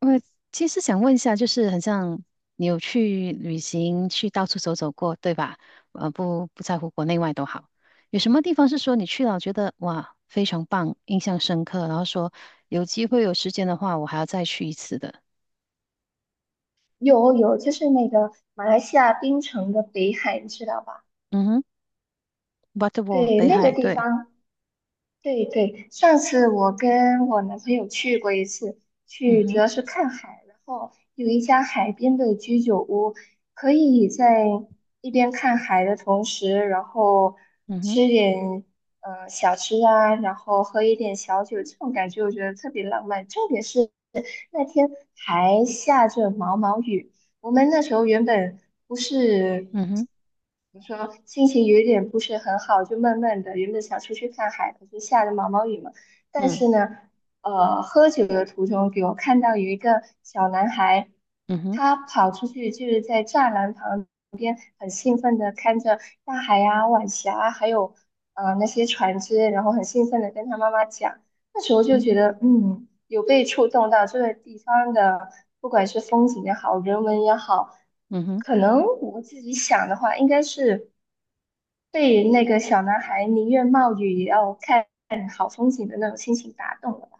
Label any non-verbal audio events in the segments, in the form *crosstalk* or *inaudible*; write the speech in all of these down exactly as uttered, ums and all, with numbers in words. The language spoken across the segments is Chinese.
我其实想问一下，就是很像你有去旅行，去到处走走过，对吧？呃，不不在乎国内外都好，有什么地方是说你去了觉得哇非常棒，印象深刻，然后说有机会有时间的话，我还要再去一次的。有有，就是那个马来西亚槟城的北海，你知道吧？嗯哼 b u t t e r w a l 对，北那个海，地对，方，对对。上次我跟我男朋友去过一次，嗯去主要哼，是看海，然后有一家海边的居酒屋，可以在一边看海的同时，然后嗯哼，吃点呃小吃啊，然后喝一点小酒，这种感觉我觉得特别浪漫。重点是那天还下着毛毛雨。我们那时候原本不是嗯哼，怎么说，心情有一点不是很好，就闷闷的。原本想出去看海，可是下着毛毛雨嘛。但嗯，是呢，呃，喝酒的途中给我看到有一个小男孩，嗯哼，他跑出去就是在栅栏旁边，很兴奋的看着大海啊、晚霞啊，还有呃那些船只，然后很兴奋的跟他妈妈讲。那时候嗯就觉哼，得，嗯，有被触动到这个地方的，不管是风景也好，人文也好，嗯哼。可能我自己想的话，应该是被那个小男孩宁愿冒雨也要看好风景的那种心情打动了吧。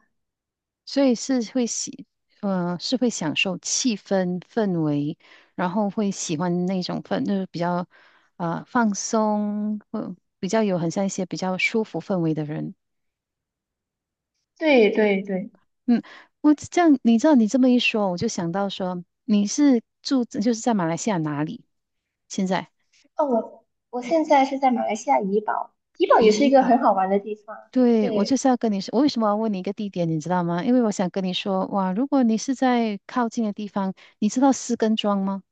所以是会喜，呃，是会享受气氛氛围，然后会喜欢那种氛，就是比较呃放松，或比较有很像一些比较舒服氛围的人。对对对，嗯，我这样，你知道你这么一说，我就想到说你是住就是在马来西亚哪里？现在哦，我我现在是在马来西亚怡保，怡保也是一怡个很保。好玩的地方。对，我就对，是要跟你说，我为什么要问你一个地点，你知道吗？因为我想跟你说，哇，如果你是在靠近的地方，你知道石根庄吗？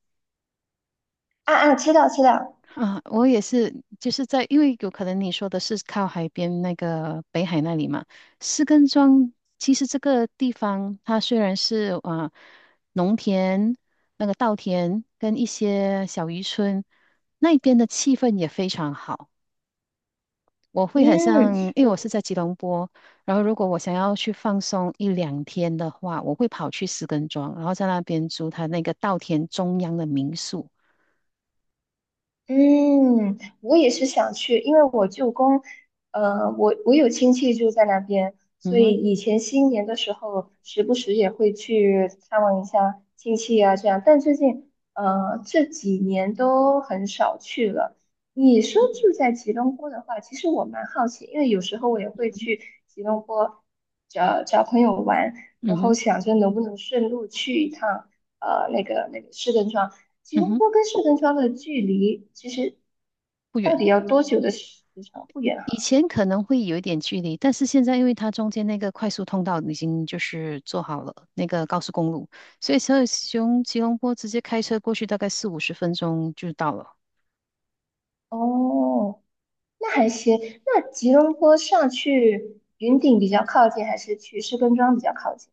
啊啊，知道知道，啊，我也是，就是在，因为有可能你说的是靠海边那个北海那里嘛，士根庄其实这个地方它虽然是啊、呃农田、那个稻田跟一些小渔村，那边的气氛也非常好。我会很嗯。像，因为我是我。在吉隆坡，然后如果我想要去放松一两天的话，我会跑去士根庄，然后在那边租他那个稻田中央的民宿。嗯，我也是想去，因为我舅公，呃，我我有亲戚住在那边，所嗯以哼，以前新年的时候，时不时也会去探望一下亲戚啊，这样。但最近，呃，这几年都很少去了。你说住在吉隆坡的话，其实我蛮好奇，因为有时候我也嗯会哼，去吉隆坡找找朋友玩，嗯然后哼，想着能不能顺路去一趟，呃，那个那个市政庄。吉嗯隆哼，坡跟圣根庄的距离其实不到远。底要多久的时长？不远以哈。前可能会有一点距离，但是现在因为它中间那个快速通道已经就是做好了那个高速公路，所以从吉隆吉隆坡直接开车过去大概四五十分钟就到了。哦，那还行。那吉隆坡上去云顶比较靠近，还是去士根庄比较靠近？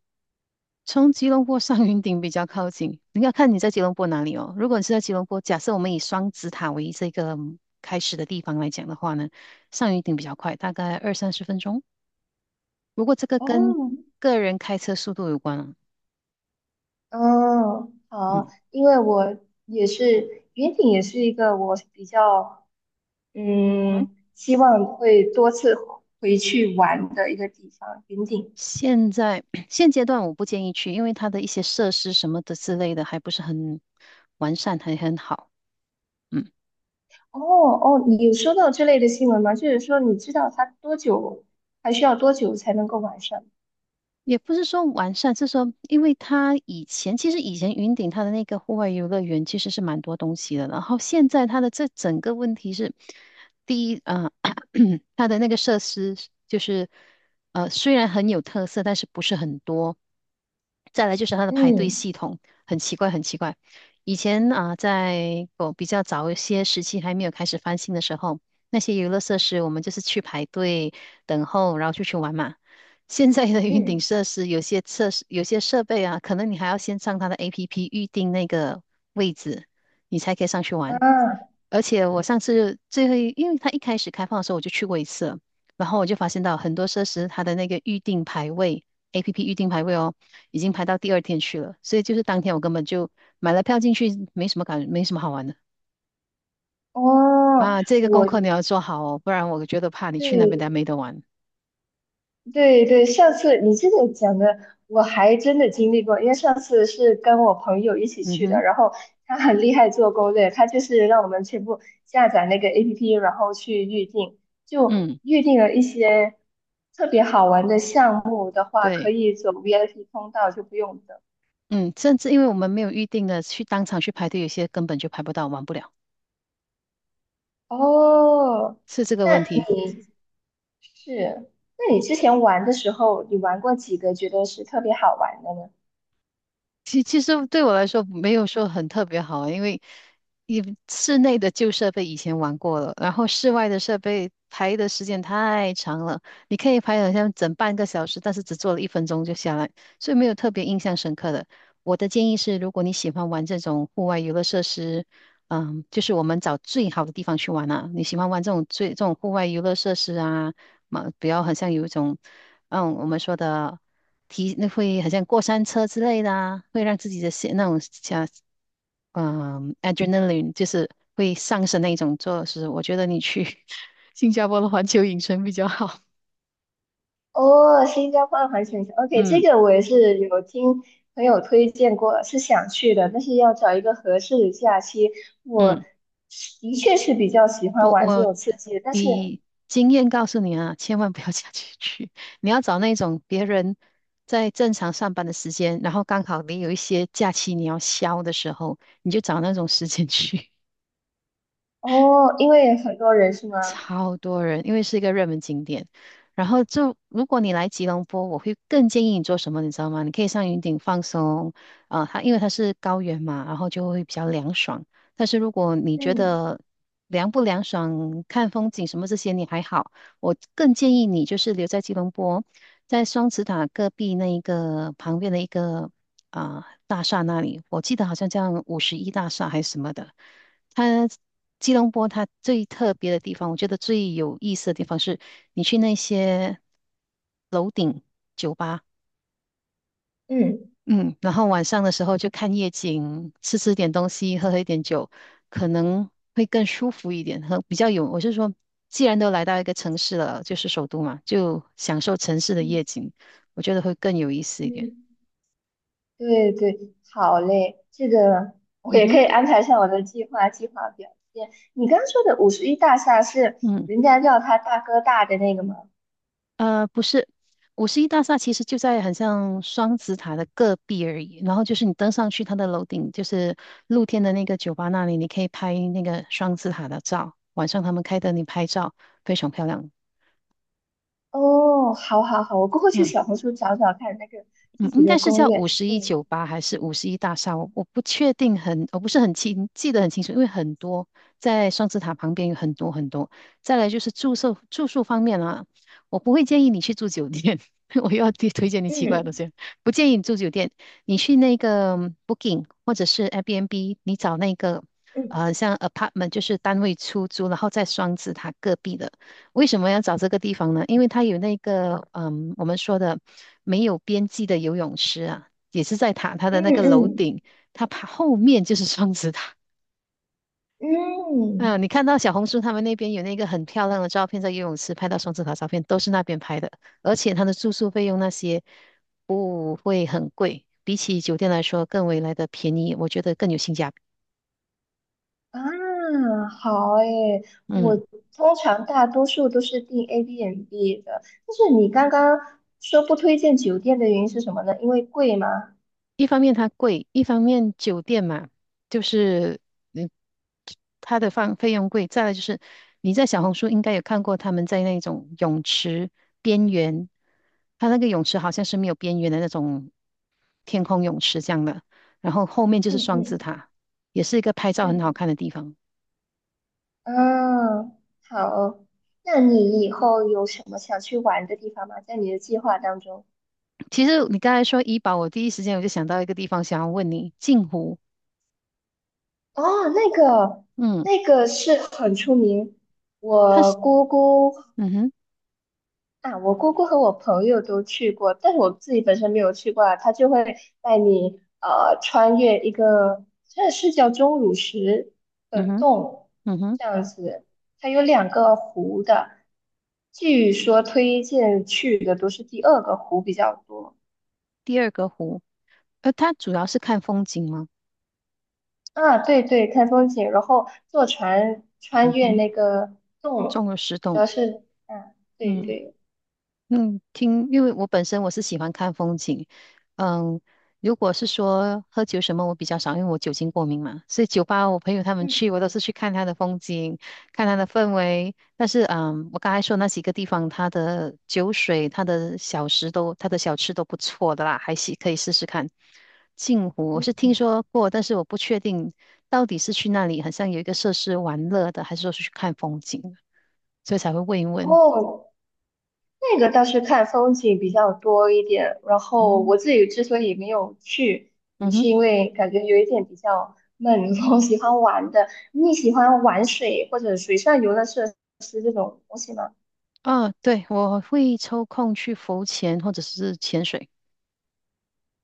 从吉隆坡上云顶比较靠近，你要看你在吉隆坡哪里哦。如果你是在吉隆坡，假设我们以双子塔为这个开始的地方来讲的话呢，上云顶比较快，大概二三十分钟。不过这个跟哦，个人开车速度有关啊。嗯，好，嗯。因为我也是云顶，也是一个我比较嗯嗯希望会多次回去玩的一个地方。云顶，现在 *clears throat* 现阶段我不建议去，因为它的一些设施什么的之类的还不是很完善，还很好。嗯。哦哦，你有收到这类的新闻吗？就是说，你知道它多久，还需要多久才能够完善？也不是说完善，是说因为它以前其实以前云顶它的那个户外游乐园其实是蛮多东西的，然后现在它的这整个问题是，第一，呃，*coughs* *clears throat* 它的那个设施就是呃虽然很有特色，但是不是很多。再来就是它的排队嗯系统很奇怪，很奇怪。以前啊、在我比较早一些时期还没有开始翻新的时候，那些游乐设施我们就是去排队等候，然后就去玩嘛。现在的云顶嗯，设施有些设施有些设备啊，可能你还要先上它的 A P P 预定那个位置，你才可以上去玩。啊，而且我上次最后一因为它一开始开放的时候我就去过一次了，然后我就发现到很多设施它的那个预定排位 A P P 预定排位哦，已经排到第二天去了，所以就是当天我根本就买了票进去，没什么感，没什么好玩的哦，啊。这个功我课你要做好哦，不然我觉得怕你去那边大家对没得玩。对对，上次你这个讲的，我还真的经历过，因为上次是跟我朋友一起嗯去的，哼，然后他很厉害做攻略，他就是让我们全部下载那个 A P P，然后去预定，就嗯，预定了一些特别好玩的项目的话，可对。以走 V I P 通道，就不用等。嗯，甚至因为我们没有预定的，去当场去排队，有些根本就排不到，玩不了，哦，是这个那问题。你是，那你之前玩的时候，你玩过几个觉得是特别好玩的呢？其其实对我来说没有说很特别好啊因为你室内的旧设备以前玩过了，然后室外的设备排的时间太长了，你可以排好像整半个小时，但是只做了一分钟就下来，所以没有特别印象深刻的。我的建议是，如果你喜欢玩这种户外游乐设施，嗯，就是我们找最好的地方去玩啊。你喜欢玩这种最这种户外游乐设施啊，嘛，不要好像有一种，嗯，我们说的提那会好像过山车之类的啊，会让自己的心那种想。嗯，adrenaline 就是会上升那一种做事。我觉得你去 *laughs* 新加坡的环球影城比较好。哦，新加坡的环球影城，OK，这嗯个我也是有听朋友推荐过，是想去的，但是要找一个合适的假期。我嗯，是的确是比较喜欢我玩这我种刺激的，但是以经验告诉你啊，千万不要假期去，你要找那种别人在正常上班的时间，然后刚好你有一些假期你要消的时候，你就找那种时间去。哦，因为很多人是吗？超多人，因为是一个热门景点。然后就如果你来吉隆坡，我会更建议你做什么，你知道吗？你可以上云顶放松，啊、它因为它是高原嘛，然后就会比较凉爽。但是如果你觉嗯得凉不凉爽、看风景什么这些你还好，我更建议你就是留在吉隆坡，在双子塔隔壁那一个旁边的一个啊、大厦那里，我记得好像叫五十一大厦还是什么的。它吉隆坡它最特别的地方，我觉得最有意思的地方是，你去那些吧，嗯。嗯，然后晚上的时候就看夜景，吃吃点东西，喝喝一点酒，可能会更舒服一点，和比较有，我是说，既然都来到一个城市了，就是首都嘛，就享受城市的夜嗯景，我觉得会更有意思一点。嗯。对对，好嘞，这个我嗯也可哼，以安排上我的计划计划表现。你刚刚说的五十一大厦是嗯。人家叫他大哥大的那个吗？呃，不是，五十一大厦其实就在很像双子塔的隔壁而已。然后就是你登上去它的楼顶，就是露天的那个酒吧那里，你可以拍那个双子塔的照。晚上他们开灯，你拍照非常漂亮。哦，好好好，我过后去嗯。小红书找找看那个具嗯，体应的该是攻叫略。五十一嗯酒吧还是五十一大厦，我我不确定很，我不是很清记得很清楚，因为很多在双子塔旁边有很多很多。再来就是住宿住宿方面啊，我不会建议你去住酒店，*laughs* 我又要推推荐你奇怪的嗯东西，不建议你住酒店，你去那个嗯 Booking 或者是 Airbnb，你找那个嗯呃像 apartment 就是单位出租，然后在双子塔隔壁的。为什么要找这个地方呢？因为它有那个，嗯，我们说的没有边际的游泳池啊，也是在塔它嗯的那个楼嗯顶，它爬后面就是双子塔。嗯嗯，你看到小红书他们那边有那个很漂亮的照片，在游泳池拍到双子塔照片，都是那边拍的，而且它的住宿费用那些不会很贵，比起酒店来说更为来的便宜，我觉得更有性价比。啊，好诶，我嗯。通常大多数都是订 a b n b 的，但是你刚刚说不推荐酒店的原因是什么呢？因为贵吗？一方面它贵，一方面酒店嘛，就是嗯，它的放费用贵。再来就是你在小红书应该有看过他们在那种泳池边缘，它那个泳池好像是没有边缘的那种天空泳池这样的，然后后面就是双子嗯塔，也是一个拍照很嗯，好看的地方。嗯，好。那你以后有什么想去玩的地方吗？在你的计划当中？其实你刚才说怡宝，我第一时间我就想到一个地方，想要问你，镜湖，哦，那个，嗯，那个是很出名。它我是，姑姑嗯哼，啊，我姑姑和我朋友都去过，但是我自己本身没有去过啊。他就会带你呃穿越一个，这是叫钟乳石的嗯哼，洞，嗯哼，这样子。它有两个湖的，据说推荐去的都是第二个湖比较多。第二个湖，呃，它主要是看风景吗？啊，对对，看风景，然后坐船穿嗯越哼，那个洞，中了十主栋。要是，嗯、啊，对嗯对，嗯，听，因为我本身我是喜欢看风景。嗯，如果是说喝酒什么，我比较少，因为我酒精过敏嘛。所以酒吧我朋友他们嗯，去，我都是去看他的风景，看他的氛围。但是嗯，我刚才说那几个地方，他的酒水、他的小食都、他的小吃都不错的啦，还是可以试试看。镜湖我是嗯，听说过，但是我不确定到底是去那里，好像有一个设施玩乐的，还是说是去看风景。所以才会问一问。哦，那个倒是看风景比较多一点，然后嗯我自己之所以没有去，也嗯是哼，因为感觉有一点比较闷，*laughs* 我喜欢玩的。你喜欢玩水或者水上游乐设施这种东西吗？啊，对，我会抽空去浮潜或者是潜水。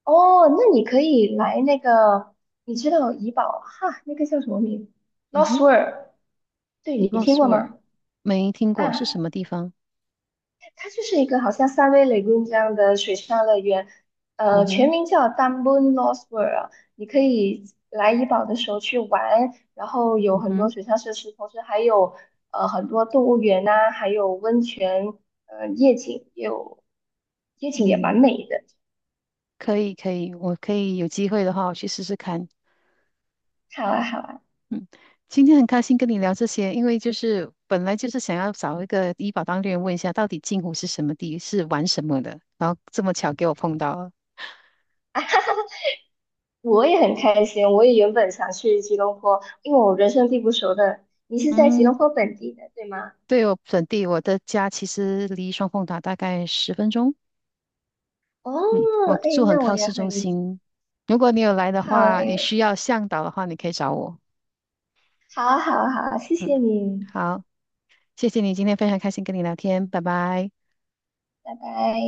哦，那你可以来那个，你知道怡宝哈，那个叫什么名嗯？Lost 哼，World，对，你听 Lost 过 World 吗？没听过是什啊。么地方？它就是一个好像三维雷公这样的水上乐园，嗯呃，全哼，名叫 d u m b u n Lost World。你可以来怡保的时候去玩，然后有嗯很多哼，水上设施，同时还有呃很多动物园呐、还有温泉，呃，夜景也有，夜景也蛮嗯美的，可以，可以，我可以有机会的话，我去试试看。好啊，好啊，嗯，今天很开心跟你聊这些，因为就是本来就是想要找一个医保当地人问一下，到底镜湖是什么地，是玩什么的，然后这么巧给我碰到了。我也很开心，我也原本想去吉隆坡，因为我人生地不熟的。你是在吉嗯隆坡本地的，对吗？对，我本地，我的家其实离双凤塔大概十分钟。哦，嗯，我哎，住很那我靠也市很中心。如果你有来的好话，你哎。需要向导的话，你可以找我。好啊好啊好啊谢嗯，谢你，好，谢谢你今天非常开心跟你聊天，拜拜。拜拜。